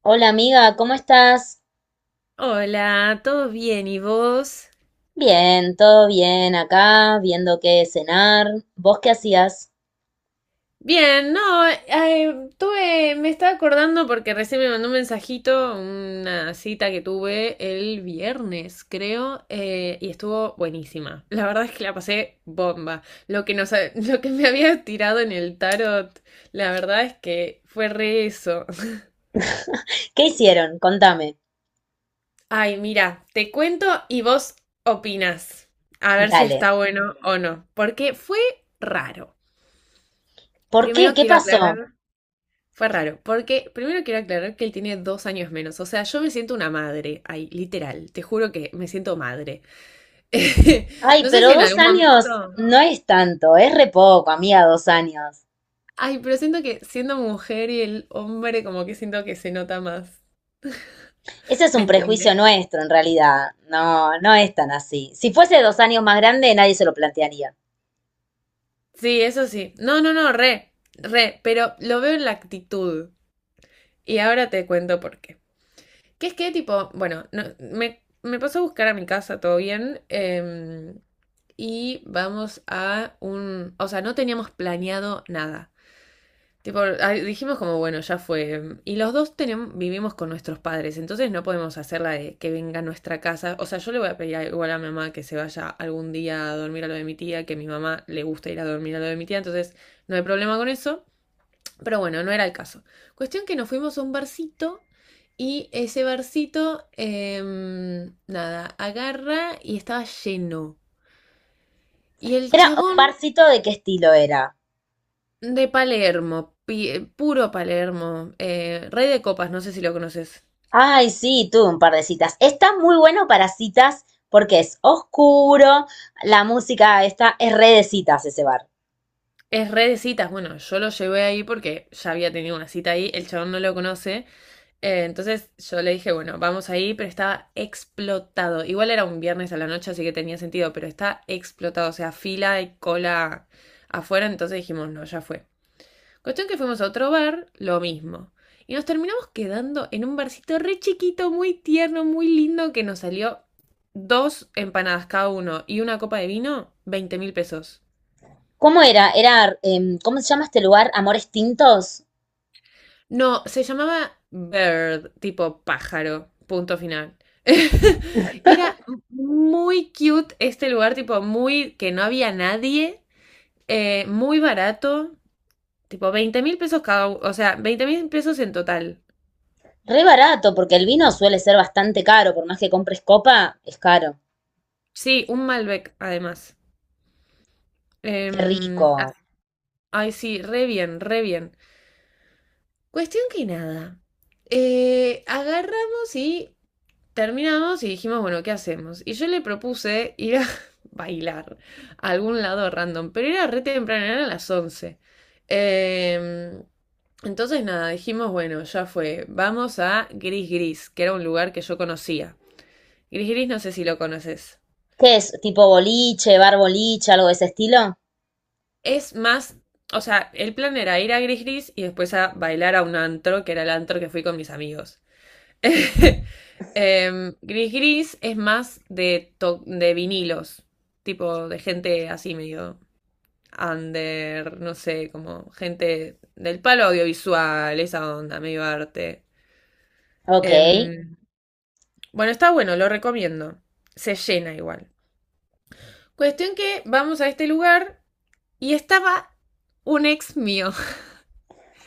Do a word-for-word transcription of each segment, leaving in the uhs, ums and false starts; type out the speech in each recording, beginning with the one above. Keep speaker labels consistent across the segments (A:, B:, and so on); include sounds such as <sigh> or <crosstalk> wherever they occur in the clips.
A: Hola amiga, ¿cómo estás?
B: Hola, ¿todo bien? ¿Y vos?
A: Bien, todo bien acá, viendo qué cenar. ¿Vos qué hacías?
B: Bien, no, eh, tuve, me estaba acordando porque recién me mandó un mensajito, una cita que tuve el viernes, creo, eh, y estuvo buenísima. La verdad es que la pasé bomba. Lo que nos, ha- <laughs> Lo que me había tirado en el tarot, la verdad es que fue re eso.
A: ¿Qué hicieron? Contame.
B: Ay, mira, te cuento y vos opinas. A ver si
A: Dale.
B: está bueno o no, porque fue raro.
A: ¿Por qué?
B: Primero
A: ¿Qué
B: quiero aclarar.
A: pasó?
B: Fue raro, porque primero quiero aclarar que él tiene dos años menos, o sea, yo me siento una madre, ay, literal, te juro que me siento madre. <laughs>
A: Ay,
B: No sé si
A: pero
B: en
A: dos
B: algún
A: años
B: momento...
A: no es tanto, es re poco, amiga, dos años.
B: Ay, pero siento que siendo mujer y el hombre como que siento que se nota más.
A: Ese es
B: ¿Me
A: un
B: entendés?
A: prejuicio nuestro en realidad. No, no es tan así. Si fuese dos años más grande, nadie se lo plantearía.
B: Sí, eso sí. No, no, no, re, re, pero lo veo en la actitud. Y ahora te cuento por qué. Que es que tipo, bueno, no- me, me pasó a buscar a mi casa, todo bien. em, y vamos a un... O sea, no teníamos planeado nada. Tipo, ah, dijimos como, bueno, ya fue. Y los dos tenem- vivimos con nuestros padres, entonces no podemos hacerla de que venga a nuestra casa. O sea, yo le voy a pedir a- igual a mi mamá que se vaya algún día a dormir a lo de mi tía, que a mi mamá le gusta ir a dormir a lo de mi tía, entonces no hay problema con eso. Pero bueno, no era el caso. Cuestión que nos fuimos a un barcito y ese barcito, em, nada, agarra y estaba lleno. Y el
A: ¿Era un
B: chabón.
A: barcito de qué estilo era?
B: De Palermo, pi- puro Palermo, eh, Rey de Copas, no sé si lo conoces.
A: Ay, sí, tuve un par de citas. Está muy bueno para citas porque es oscuro, la música está, es re de citas ese bar.
B: Es re de citas, bueno, yo lo llevé ahí porque ya había tenido una cita ahí, el chabón no lo conoce, eh, entonces yo le dije, bueno, vamos ahí, pero estaba explotado. Igual era un viernes a la noche, así que tenía sentido, pero está explotado, o sea, fila y cola afuera, entonces dijimos, no, ya fue. Cuestión que fuimos a otro bar, lo mismo. Y nos terminamos quedando en un barcito re chiquito, muy tierno, muy lindo, que nos salió dos empanadas cada uno y una copa de vino, veinte mil pesos.
A: ¿Cómo era? Era, em, ¿cómo se llama este lugar? Amores Tintos.
B: No, se llamaba Bird, tipo pájaro, punto final. <laughs> Y era muy cute este lugar, tipo muy que no había nadie, eh, muy barato, tipo veinte mil pesos cada uno, o sea, veinte mil pesos en total.
A: Re barato, porque el vino suele ser bastante caro, por más que compres copa, es caro.
B: Sí, un Malbec además. Em,
A: Qué
B: ah,
A: rico.
B: ay, sí, re bien, re bien. Cuestión que nada. Eh, agarramos y terminamos y dijimos, bueno, ¿qué hacemos? Y yo le propuse ir a <laughs> bailar a algún lado random, pero era re temprano, eran las once. Em, entonces nada, dijimos, bueno, ya fue, vamos a Gris Gris, que era un lugar que yo conocía. Gris Gris, no sé si lo conoces.
A: ¿Qué es? ¿Tipo boliche, bar boliche, algo de ese estilo?
B: Es más, o sea, el plan era ir a Gris Gris y después a bailar a un antro, que era el antro que fui con mis amigos. <laughs> Em, Gris Gris es más de, to- de vinilos, tipo de gente así medio under, no sé, como gente del palo audiovisual, esa onda, medio arte.
A: Ok.
B: Em, bueno, está bueno, lo recomiendo. Se llena igual. Cuestión que vamos a este lugar y estaba un ex mío.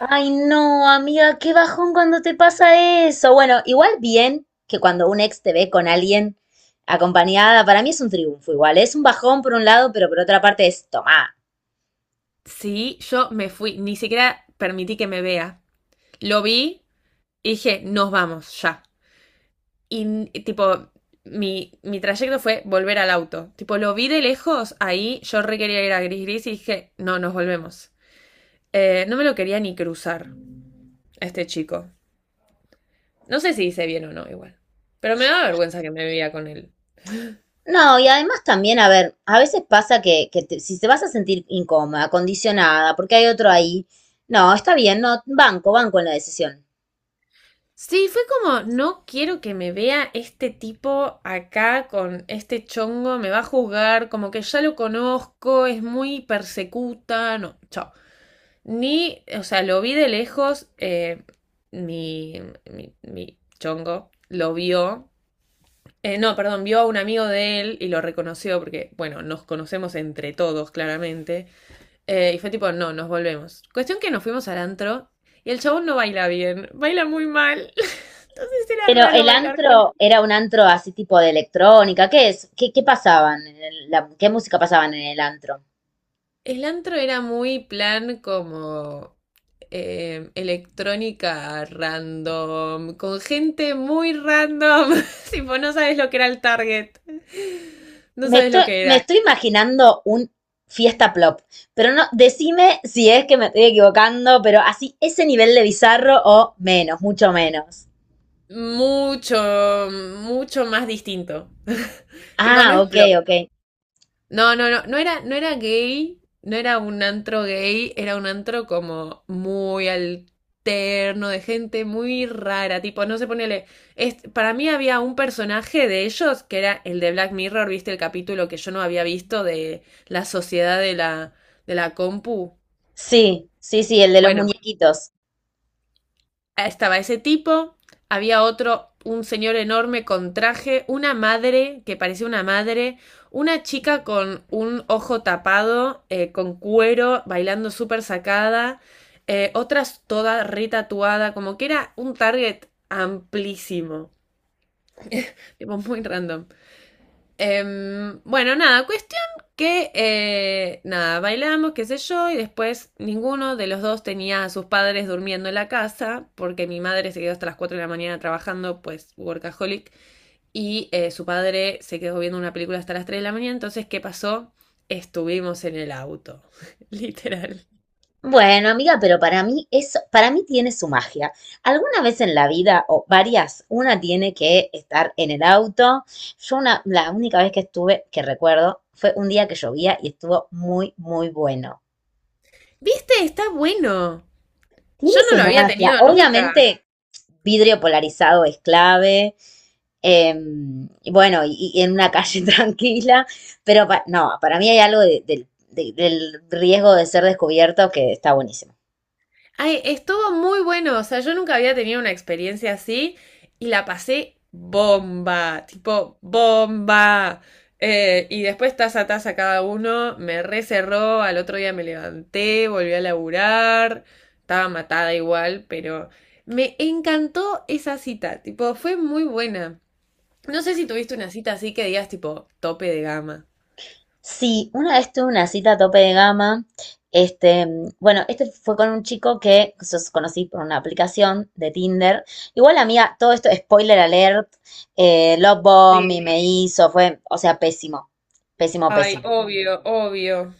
A: Ay, no, amiga, qué bajón cuando te pasa eso. Bueno, igual bien que cuando un ex te ve con alguien acompañada, para mí es un triunfo igual. Es un bajón por un lado, pero por otra parte es tomá.
B: Sí, yo me fui, ni siquiera permití que me vea. Lo vi y dije, nos vamos ya. Y n- tipo, mi, mi trayecto fue volver al auto. Tipo, lo vi de lejos, ahí yo re quería ir a Gris Gris y dije, no, nos volvemos. Eh, no me lo quería ni cruzar a este chico. No sé si hice bien o no, igual. Pero me da vergüenza que me veía con él.
A: No, y además también, a ver, a veces pasa que, que te- si te vas a sentir incómoda, condicionada, porque hay otro ahí, no, está bien, no, banco, banco en la decisión.
B: Sí, fue como, no quiero que me vea este tipo acá con este chongo, me va a juzgar, como que ya lo conozco, es muy persecuta, no, chao. Ni, o sea, lo vi de lejos, eh, mi, mi, mi chongo lo vio, eh, no, perdón, vio a un amigo de él y lo reconoció porque, bueno, nos conocemos entre todos, claramente. Eh, y fue tipo, no, nos volvemos. Cuestión que nos fuimos al antro y el chabón no baila bien, baila muy mal. <laughs> Entonces era
A: Pero
B: raro
A: el
B: bailar con él.
A: antro era un antro así tipo de electrónica, ¿qué es? ¿Qué, qué pasaban en el- la- ¿qué música pasaban en el antro?
B: El antro era muy plan como eh, electrónica random, con gente muy random. <laughs> Tipo, no sabes lo que era el target. No
A: Me
B: sabes
A: estoy,
B: lo que
A: me
B: era.
A: estoy imaginando un fiesta plop, pero no, decime si es que me estoy equivocando, pero así ese nivel de bizarro o menos, mucho menos.
B: Mucho, mucho más distinto. <laughs> Tipo, no
A: Ah,
B: es.
A: ok, ok.
B: No, no, no, no era, no era gay, no era un antro gay, era un antro como muy alterno, de gente muy rara, tipo, no sé, ponele, es, para mí había un personaje de ellos que era el de Black Mirror, ¿viste el capítulo que yo no había visto de la sociedad de la, de la, compu?
A: Sí, sí, sí, el de los
B: Bueno.
A: muñequitos.
B: Estaba ese tipo, había otro, un señor enorme con traje, una madre que parecía una madre, una chica con un ojo tapado, eh, con cuero, bailando súper sacada, eh, otras toda retatuada, como que era un target amplísimo, tipo muy random. Em, bueno, nada, cuestión que, eh, nada, bailamos, qué sé yo, y después ninguno de los dos tenía a sus padres durmiendo en la casa, porque mi madre se quedó hasta las cuatro de la mañana trabajando, pues workaholic, y eh, su padre se quedó viendo una película hasta las tres de la mañana, entonces, ¿qué pasó? Estuvimos en el auto, <laughs> literal.
A: Bueno, amiga, pero para mí eso, para mí tiene su magia. Alguna vez en la vida, o varias, una tiene que estar en el auto. Yo una, la única vez que estuve, que recuerdo, fue un día que llovía y estuvo muy, muy bueno.
B: ¿Viste? Está bueno.
A: Tiene
B: Yo no
A: su
B: lo había
A: magia.
B: tenido nunca.
A: Obviamente, vidrio polarizado es clave. eh, y bueno, y, y en una calle <laughs> tranquila, pero pa- no, para mí hay algo de- del de- del riesgo de ser descubierto que está buenísimo.
B: Ay, estuvo muy bueno, o sea, yo nunca había tenido una experiencia así y la pasé bomba, tipo bomba. Eh, y después taza a taza cada uno, me recerró, al otro día me levanté, volví a laburar, estaba matada igual, pero me encantó esa cita, tipo, fue muy buena. No sé si tuviste una cita así que digas tipo tope de gama.
A: Sí, una vez tuve una cita a tope de gama. Este, bueno, este fue con un chico que sos- conocí por una aplicación de Tinder. Igual, amiga, todo esto, spoiler alert, eh, love bomb y
B: Sí.
A: me hizo, fue, o sea, pésimo, pésimo,
B: Ay,
A: pésimo.
B: obvio, obvio.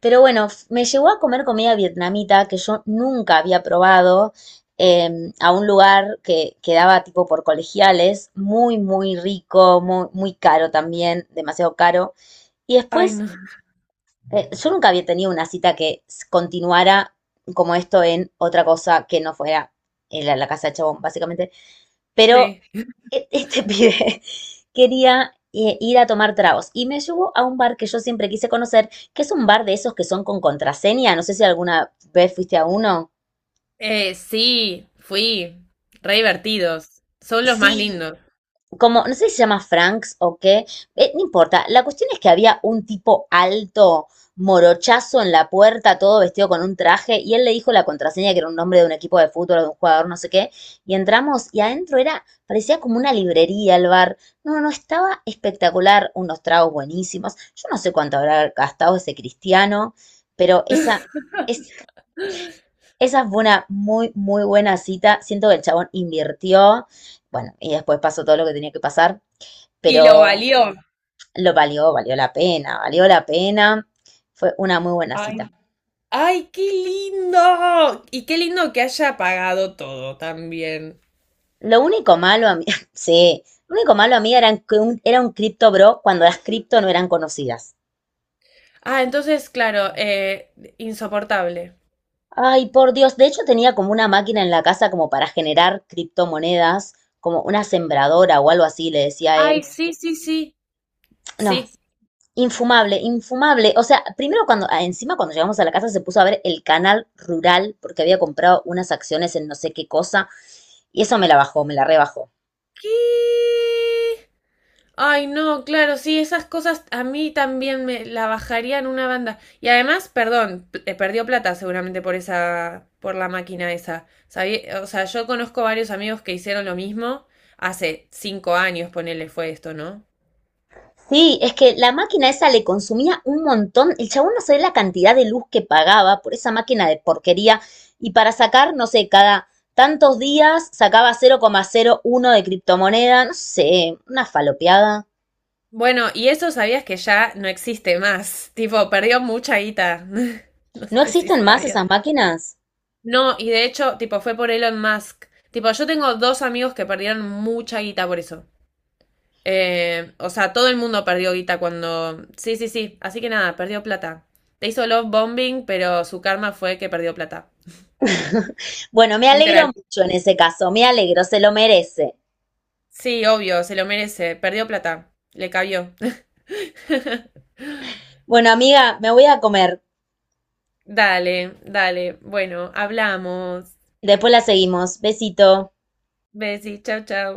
A: Pero bueno, f- me llevó a comer comida vietnamita que yo nunca había probado, eh, a un lugar que quedaba tipo por colegiales, muy, muy rico, muy, muy caro también, demasiado caro. Y
B: Ay,
A: después,
B: no
A: Eh, yo nunca había tenido una cita que continuara como esto en otra cosa que no fuera en la, la casa de Chabón, básicamente. Pero
B: sé.
A: e- este <laughs> pibe quería eh, ir a tomar tragos y me llevó a un bar que yo siempre quise conocer, que es un bar de esos que son con contraseña. No sé si alguna vez fuiste a uno.
B: Eh, sí, fui. Re divertidos. Son los más
A: Sí,
B: lindos.
A: como, no sé si se llama Franks o qué, eh, no importa. La cuestión es que había un tipo alto, morochazo en la puerta, todo vestido con un traje, y él le dijo la contraseña, que era un nombre de un equipo de fútbol o de un jugador, no sé qué, y entramos, y adentro era, parecía como una librería el bar. No, no, estaba espectacular, unos tragos buenísimos. Yo no sé cuánto habrá gastado ese cristiano, pero esa, es, esa fue una muy, muy buena cita. Siento que el chabón invirtió. Bueno, y después pasó todo lo que tenía que pasar,
B: Y lo
A: pero
B: valió.
A: lo valió, valió la pena, valió la pena. Fue una muy buena cita.
B: Ay, ay, qué lindo. Y qué lindo que haya pagado todo también.
A: Lo único malo a mí, <laughs> sí, lo único malo a mí era que un, era un cripto bro cuando las cripto no eran conocidas.
B: Ah, entonces, claro, eh, insoportable.
A: Ay, por Dios, de hecho tenía como una máquina en la casa como para generar criptomonedas, como una sembradora o algo así, le decía a él.
B: Ay, sí, sí, sí.
A: No,
B: Sí.
A: infumable, infumable. O sea, primero cuando, ah, encima cuando llegamos a la casa se puso a ver el canal rural porque había comprado unas acciones en no sé qué cosa y eso me la bajó, me la rebajó.
B: ¿Qué? Ay, no, claro, sí, esas cosas a mí también me la bajarían una banda. Y además, perdón, p- eh, perdió plata seguramente por esa, por la máquina esa. Sabí- o sea, yo conozco varios amigos que hicieron lo mismo hace cinco años, ponele, fue esto, ¿no?
A: Sí, es que la máquina esa le consumía un montón. El chabón no sabía la cantidad de luz que pagaba por esa máquina de porquería. Y para sacar, no sé, cada tantos días sacaba cero cero coma cero uno de criptomoneda. No sé, una falopeada.
B: Bueno, y eso sabías que ya no existe más. <laughs> Tipo, perdió mucha guita. <laughs> No
A: ¿No
B: sé si
A: existen más
B: sabías.
A: esas máquinas?
B: No, y de hecho, tipo, fue por Elon Musk. Tipo, yo tengo dos amigos que perdieron mucha guita por eso. Eh, o sea, todo el mundo perdió guita cuando. Sí, sí, sí. Así que nada, perdió plata. Le hizo love bombing, pero su karma fue que perdió plata.
A: <laughs> Bueno, me alegro
B: Literal.
A: mucho en ese caso. Me alegro, se lo merece.
B: Sí, obvio, se lo merece. Perdió plata. Le cabió. <laughs>
A: Bueno, amiga, me voy a comer.
B: Dale, dale. Bueno, hablamos.
A: Después la seguimos. Besito.
B: Besi, chau, chau.